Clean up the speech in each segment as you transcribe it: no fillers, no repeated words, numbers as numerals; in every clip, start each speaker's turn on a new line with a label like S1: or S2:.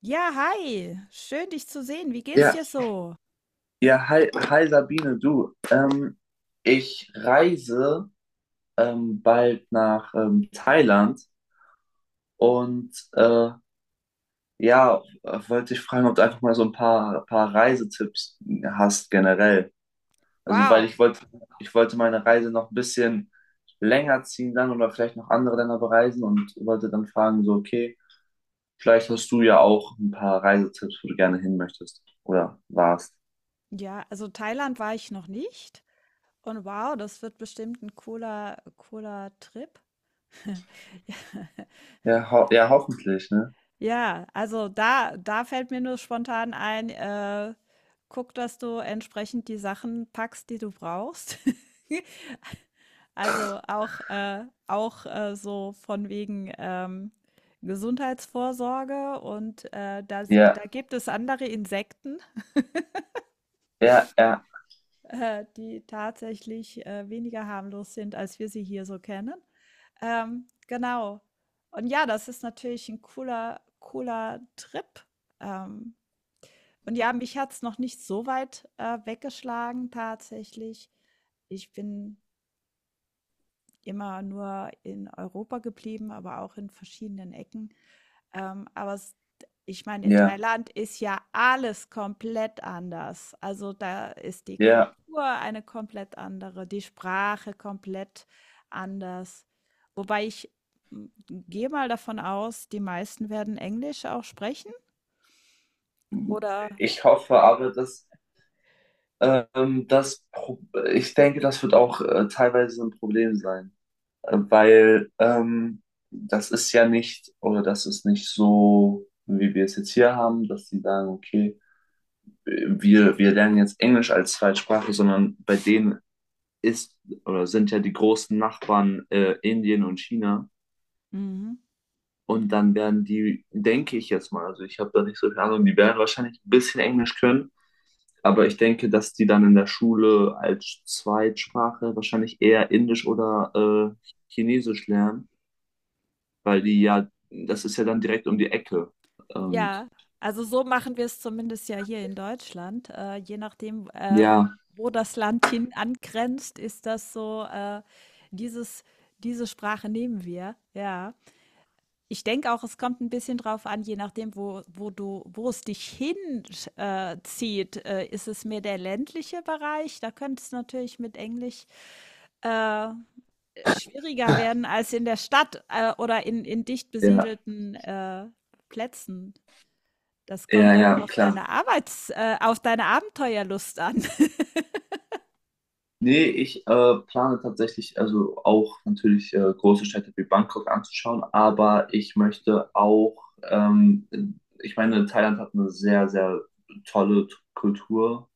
S1: Ja, hi. Schön, dich zu sehen. Wie geht's
S2: Ja,
S1: dir so?
S2: ja, hi, hi Sabine, du. Ich reise bald nach Thailand und ja, wollte ich fragen, ob du einfach mal so ein paar Reisetipps hast generell. Also, weil
S1: Wow.
S2: ich wollte meine Reise noch ein bisschen länger ziehen dann oder vielleicht noch andere Länder bereisen und wollte dann fragen, so, okay, vielleicht hast du ja auch ein paar Reisetipps, wo du gerne hin möchtest oder warst.
S1: Ja, also Thailand war ich noch nicht. Und wow, das wird bestimmt ein cooler, cooler Trip. Ja,
S2: Ja, ho ja, hoffentlich, ne?
S1: ja, also da fällt mir nur spontan ein, guck, dass du entsprechend die Sachen packst, die du brauchst. Also auch, auch so von wegen Gesundheitsvorsorge und da
S2: Ja,
S1: gibt es andere Insekten.
S2: ja, ja.
S1: Die tatsächlich weniger harmlos sind, als wir sie hier so kennen. Genau. Und ja, das ist natürlich ein cooler Trip. Ähm, und ja, mich hat's noch nicht so weit, weggeschlagen tatsächlich. Ich bin immer nur in Europa geblieben, aber auch in verschiedenen Ecken. Aber es ich meine, in
S2: Ja,
S1: Thailand ist ja alles komplett anders. Also da ist die
S2: ja,
S1: Kultur eine komplett andere, die Sprache komplett anders. Wobei ich gehe mal davon aus, die meisten werden Englisch auch sprechen, oder?
S2: ich hoffe aber, dass das, Pro ich denke, das wird auch teilweise ein Problem sein, weil das ist ja nicht, oder das ist nicht so, wie wir es jetzt hier haben, dass sie sagen, okay, wir lernen jetzt Englisch als Zweitsprache, sondern bei denen ist oder sind ja die großen Nachbarn Indien und China.
S1: Mhm.
S2: Und dann werden die, denke ich jetzt mal, also ich habe da nicht so viel Ahnung, die werden wahrscheinlich ein bisschen Englisch können. Aber ich denke, dass die dann in der Schule als Zweitsprache wahrscheinlich eher Indisch oder Chinesisch lernen, weil die ja, das ist ja dann direkt um die Ecke. Und
S1: Ja, also so machen wir es zumindest ja hier in Deutschland. Je nachdem, wo
S2: ja,
S1: wo das Land hin angrenzt, ist das so, dieses, diese Sprache nehmen wir. Ja. Ich denke auch, es kommt ein bisschen drauf an, je nachdem, wo es dich hinzieht. Zieht. Ist es mehr der ländliche Bereich? Da könnte es natürlich mit Englisch äh, schwieriger werden als in der Stadt oder in dicht
S2: ja,
S1: besiedelten Plätzen. Das kommt
S2: ja,
S1: dann
S2: ja,
S1: auf
S2: klar.
S1: deine Arbeits auf deine Abenteuerlust an.
S2: Nee, ich plane tatsächlich, also auch natürlich große Städte wie Bangkok anzuschauen, aber ich möchte auch, ich meine, Thailand hat eine sehr, sehr tolle Kultur,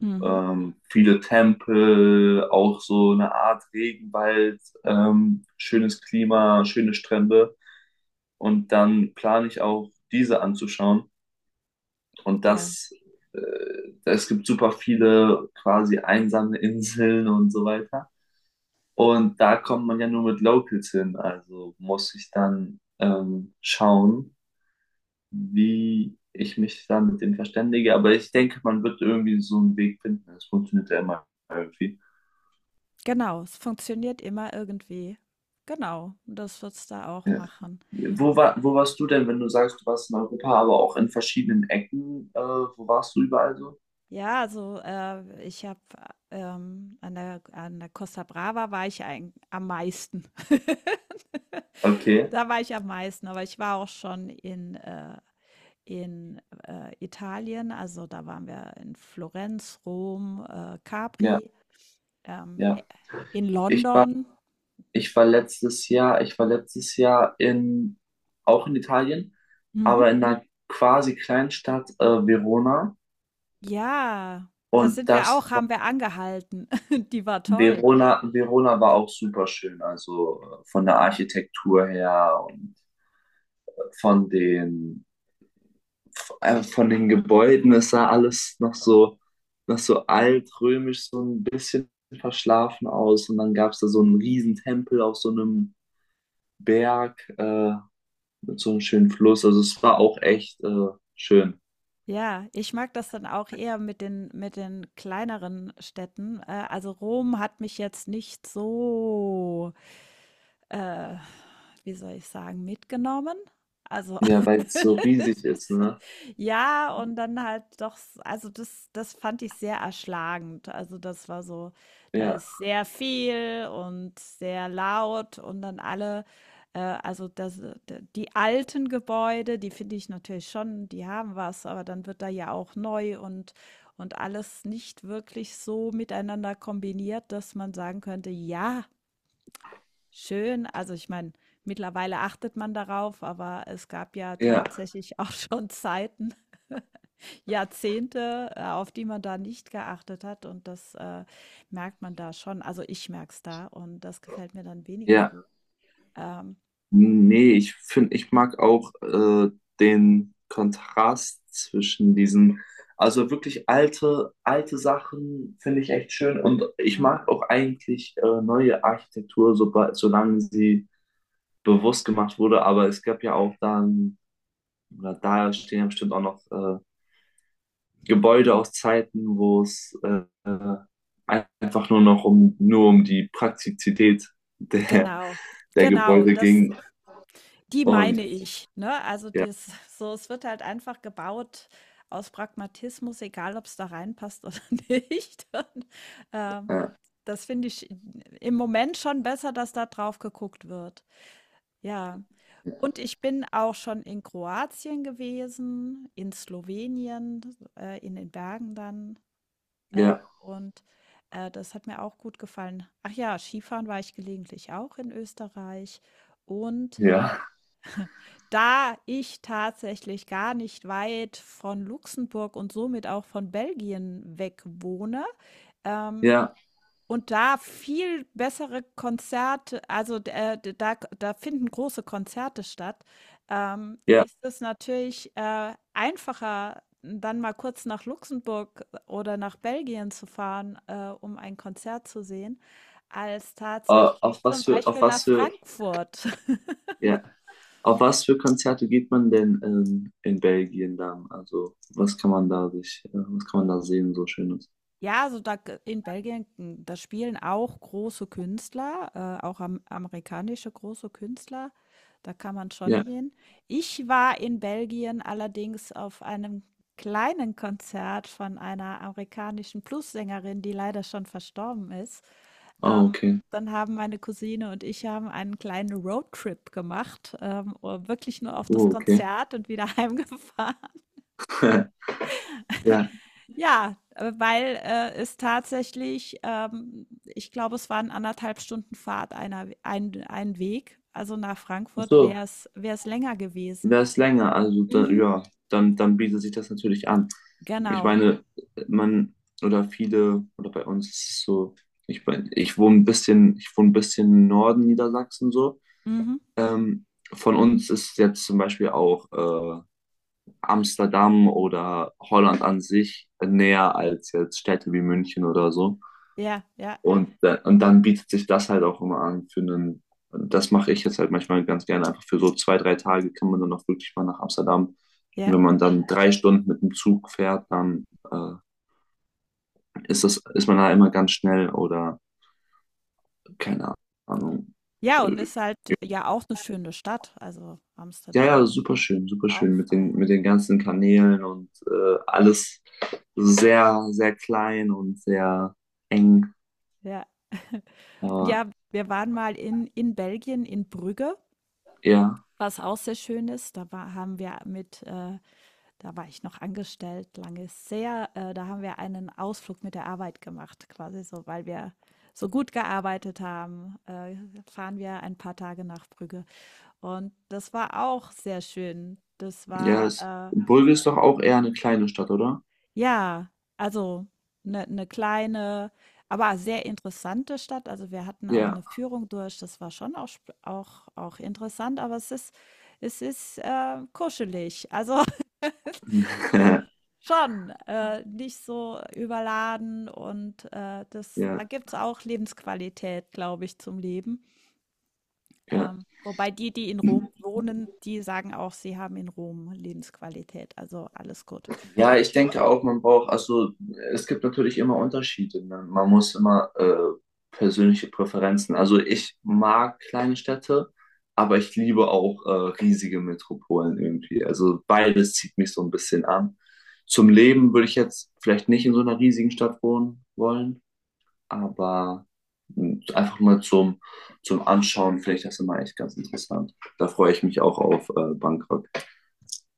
S1: Mhm.
S2: viele Tempel, auch so eine Art Regenwald, schönes Klima, schöne Strände. Und dann plane ich auch, diese anzuschauen. Und
S1: Ja,
S2: das, äh, Es gibt super viele quasi einsame Inseln und so weiter. Und da kommt man ja nur mit Locals hin. Also muss ich dann schauen, wie ich mich da mit denen verständige. Aber ich denke, man wird irgendwie so einen Weg finden. Es funktioniert ja immer irgendwie.
S1: genau. Es funktioniert immer irgendwie. Genau. Und das wird's da auch
S2: Ja.
S1: machen.
S2: Wo warst du denn, wenn du sagst, du warst in Europa, aber auch in verschiedenen Ecken? Wo warst du überall so?
S1: Ja, also, an der Costa Brava war ich eigen am meisten.
S2: Okay,
S1: Da war ich am meisten, aber ich war auch schon in Italien. Also, da waren wir in Florenz, Rom,
S2: ja,
S1: Capri. Ähm, äh,
S2: ja.
S1: in
S2: Ich war,
S1: London.
S2: ich war letztes Jahr in, auch in Italien,
S1: Mhm.
S2: aber in einer quasi Kleinstadt, Verona.
S1: Ja, da
S2: Und
S1: sind wir
S2: das
S1: auch
S2: war,
S1: haben wir angehalten. Die war toll.
S2: Verona, Verona war auch super schön, also von der Architektur her und äh, von den von den Gebäuden, es sah alles noch so, altrömisch, so ein bisschen verschlafen aus. Und dann gab es da so einen riesen Tempel auf so einem Berg mit so einem schönen Fluss. Also es war auch echt schön.
S1: Ja, ich mag das dann auch eher mit den kleineren Städten. Also Rom hat mich jetzt nicht so, äh, wie soll ich sagen, mitgenommen. Also
S2: Ja, weil es so riesig
S1: das
S2: ist,
S1: ist-
S2: ne?
S1: Ja, und dann halt doch, also das fand ich sehr erschlagend. Also das war so, da
S2: Ja,
S1: ist sehr viel und sehr laut und dann alle, also das, d- die alten Gebäude, die finde ich natürlich schon, die haben was, aber dann wird da ja auch neu und alles nicht wirklich so miteinander kombiniert, dass man sagen könnte, ja, schön. Also, ich meine, mittlerweile achtet man darauf, aber es gab ja
S2: ja,
S1: tatsächlich auch schon Zeiten, Jahrzehnte, auf die man da nicht geachtet hat und das merkt man da schon. Also, ich merke es da und das gefällt mir dann weniger
S2: ja.
S1: gut. Ähm,
S2: Nee, ich finde, ich mag auch den Kontrast zwischen diesen, also wirklich alte, alte Sachen finde ich echt schön und ich
S1: Mhm.
S2: mag auch eigentlich neue Architektur, sobald, solange sie bewusst gemacht wurde, aber es gab ja auch dann, oder da stehen ja bestimmt auch noch Gebäude aus Zeiten, wo es einfach nur noch um, nur um die Praktizität der,
S1: Genau,
S2: der
S1: genau,
S2: Gebäude
S1: das
S2: ging
S1: die
S2: und
S1: meine ich, ne? Also,
S2: ja,
S1: dies so es wird halt einfach gebaut aus Pragmatismus, egal ob es da reinpasst oder nicht. Und, ähm,
S2: äh,
S1: das finde ich im Moment schon besser, dass da drauf geguckt wird. Ja. Und ich bin auch schon in Kroatien gewesen, in Slowenien, in den Bergen dann, äh,
S2: ja.
S1: und, das hat mir auch gut gefallen. Ach ja, Skifahren war ich gelegentlich auch in Österreich und
S2: Ja,
S1: da ich tatsächlich gar nicht weit von Luxemburg und somit auch von Belgien weg wohne, ähm,
S2: ja,
S1: und da viel bessere Konzerte also, da finden große Konzerte statt,
S2: ja.
S1: ist es natürlich, einfacher, dann mal kurz nach Luxemburg oder nach Belgien zu fahren, um ein Konzert zu sehen, als
S2: Äh,
S1: tatsächlich zum
S2: Auf
S1: Beispiel nach
S2: was für,
S1: Frankfurt.
S2: ja, auf was für Konzerte geht man denn in Belgien dann? Also, was kann man da sich, was kann man da sehen, so Schönes?
S1: Ja, also da g in Belgien, hm, da spielen auch große Künstler, auch am amerikanische große Künstler. Da kann man schon
S2: Ja,
S1: hin. Ich war in Belgien allerdings auf einem kleinen Konzert von einer amerikanischen Plus-Sängerin, die leider schon verstorben ist.
S2: oh,
S1: Ähm,
S2: okay.
S1: Dann haben meine Cousine und ich haben einen kleinen Roadtrip gemacht, wirklich nur auf das
S2: Oh, okay.
S1: Konzert und wieder heimgefahren.
S2: Ja,
S1: Ja, weil es tatsächlich, ich glaube, es waren anderthalb Stunden Fahrt ein Weg. Also nach
S2: ach
S1: Frankfurt
S2: so,
S1: wäre es länger gewesen.
S2: wäre es länger, also dann,
S1: Mhm.
S2: ja, dann bietet sich das natürlich an. Ich
S1: Genau.
S2: meine, man, oder viele, oder bei uns ist es so, ich wohne ein bisschen im Norden Niedersachsen so.
S1: Mhm.
S2: Ähm, von uns ist jetzt zum Beispiel auch Amsterdam oder Holland an sich näher als jetzt Städte wie München oder so.
S1: Ja, ja,
S2: Und dann bietet sich das halt auch immer an für einen, das mache ich jetzt halt manchmal ganz gerne, einfach für so zwei, drei Tage kann man dann auch wirklich mal nach Amsterdam. Und
S1: ja.
S2: wenn man dann drei Stunden mit dem Zug fährt, dann äh, ist das, ist man da immer ganz schnell oder keine Ahnung.
S1: Ja, und ist halt ja auch eine schöne Stadt. Also
S2: Ja, ja,
S1: Amsterdam. Ja.
S2: super
S1: Auch
S2: schön mit den,
S1: fein.
S2: ganzen Kanälen und alles sehr, sehr klein und sehr eng.
S1: Ja.
S2: Aber
S1: Ja, wir waren mal in Belgien, in Brügge,
S2: ja,
S1: was auch sehr schön ist. Da war, haben wir mit Da war ich noch angestellt, lange sehr. Da haben wir einen Ausflug mit der Arbeit gemacht, quasi so, weil wir so gut gearbeitet haben, fahren wir ein paar Tage nach Brügge. Und das war auch sehr schön.
S2: ja,
S1: Äh,
S2: Bulge ist doch auch eher eine kleine Stadt, oder?
S1: ja, also eine ne kleine, aber sehr interessante Stadt. Also wir hatten auch eine
S2: Ja,
S1: Führung durch. Das war schon auch, sp- auch, auch interessant, aber es ist kuschelig. Also schon, nicht so überladen und, das da
S2: ja,
S1: gibt's auch Lebensqualität, glaube ich, zum Leben.
S2: ja.
S1: Wobei die in Rom wohnen, die sagen auch, sie haben in Rom Lebensqualität, also alles gut.
S2: Ja, ich denke auch, man braucht, also es gibt natürlich immer Unterschiede. Ne? Man muss immer persönliche Präferenzen. Also ich mag kleine Städte, aber ich liebe auch riesige Metropolen irgendwie. Also beides zieht mich so ein bisschen an. Zum Leben würde ich jetzt vielleicht nicht in so einer riesigen Stadt wohnen wollen, aber einfach mal zum Anschauen, vielleicht das ist immer echt ganz interessant. Da freue ich mich auch auf Bangkok.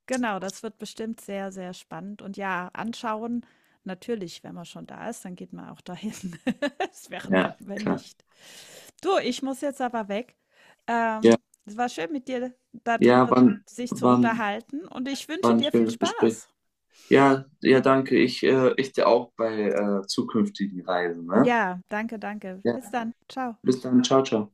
S1: Genau, das wird bestimmt sehr, sehr spannend und ja, anschauen natürlich, wenn man schon da ist, dann geht man auch dahin. Es wäre dumm,
S2: Ja,
S1: wenn
S2: klar.
S1: nicht. Du, ich muss jetzt aber weg.
S2: Ja,
S1: Es war schön, mit dir
S2: ja,
S1: darüber
S2: wann,
S1: sich zu
S2: wann.
S1: unterhalten und ich
S2: War
S1: wünsche
S2: ein
S1: dir viel
S2: schönes Gespräch.
S1: Spaß.
S2: Ja, ja, danke. Ich dir auch bei zukünftigen Reisen, ne?
S1: Ja, danke, danke.
S2: Ja,
S1: Bis dann. Ciao.
S2: bis dann. Ciao, ciao.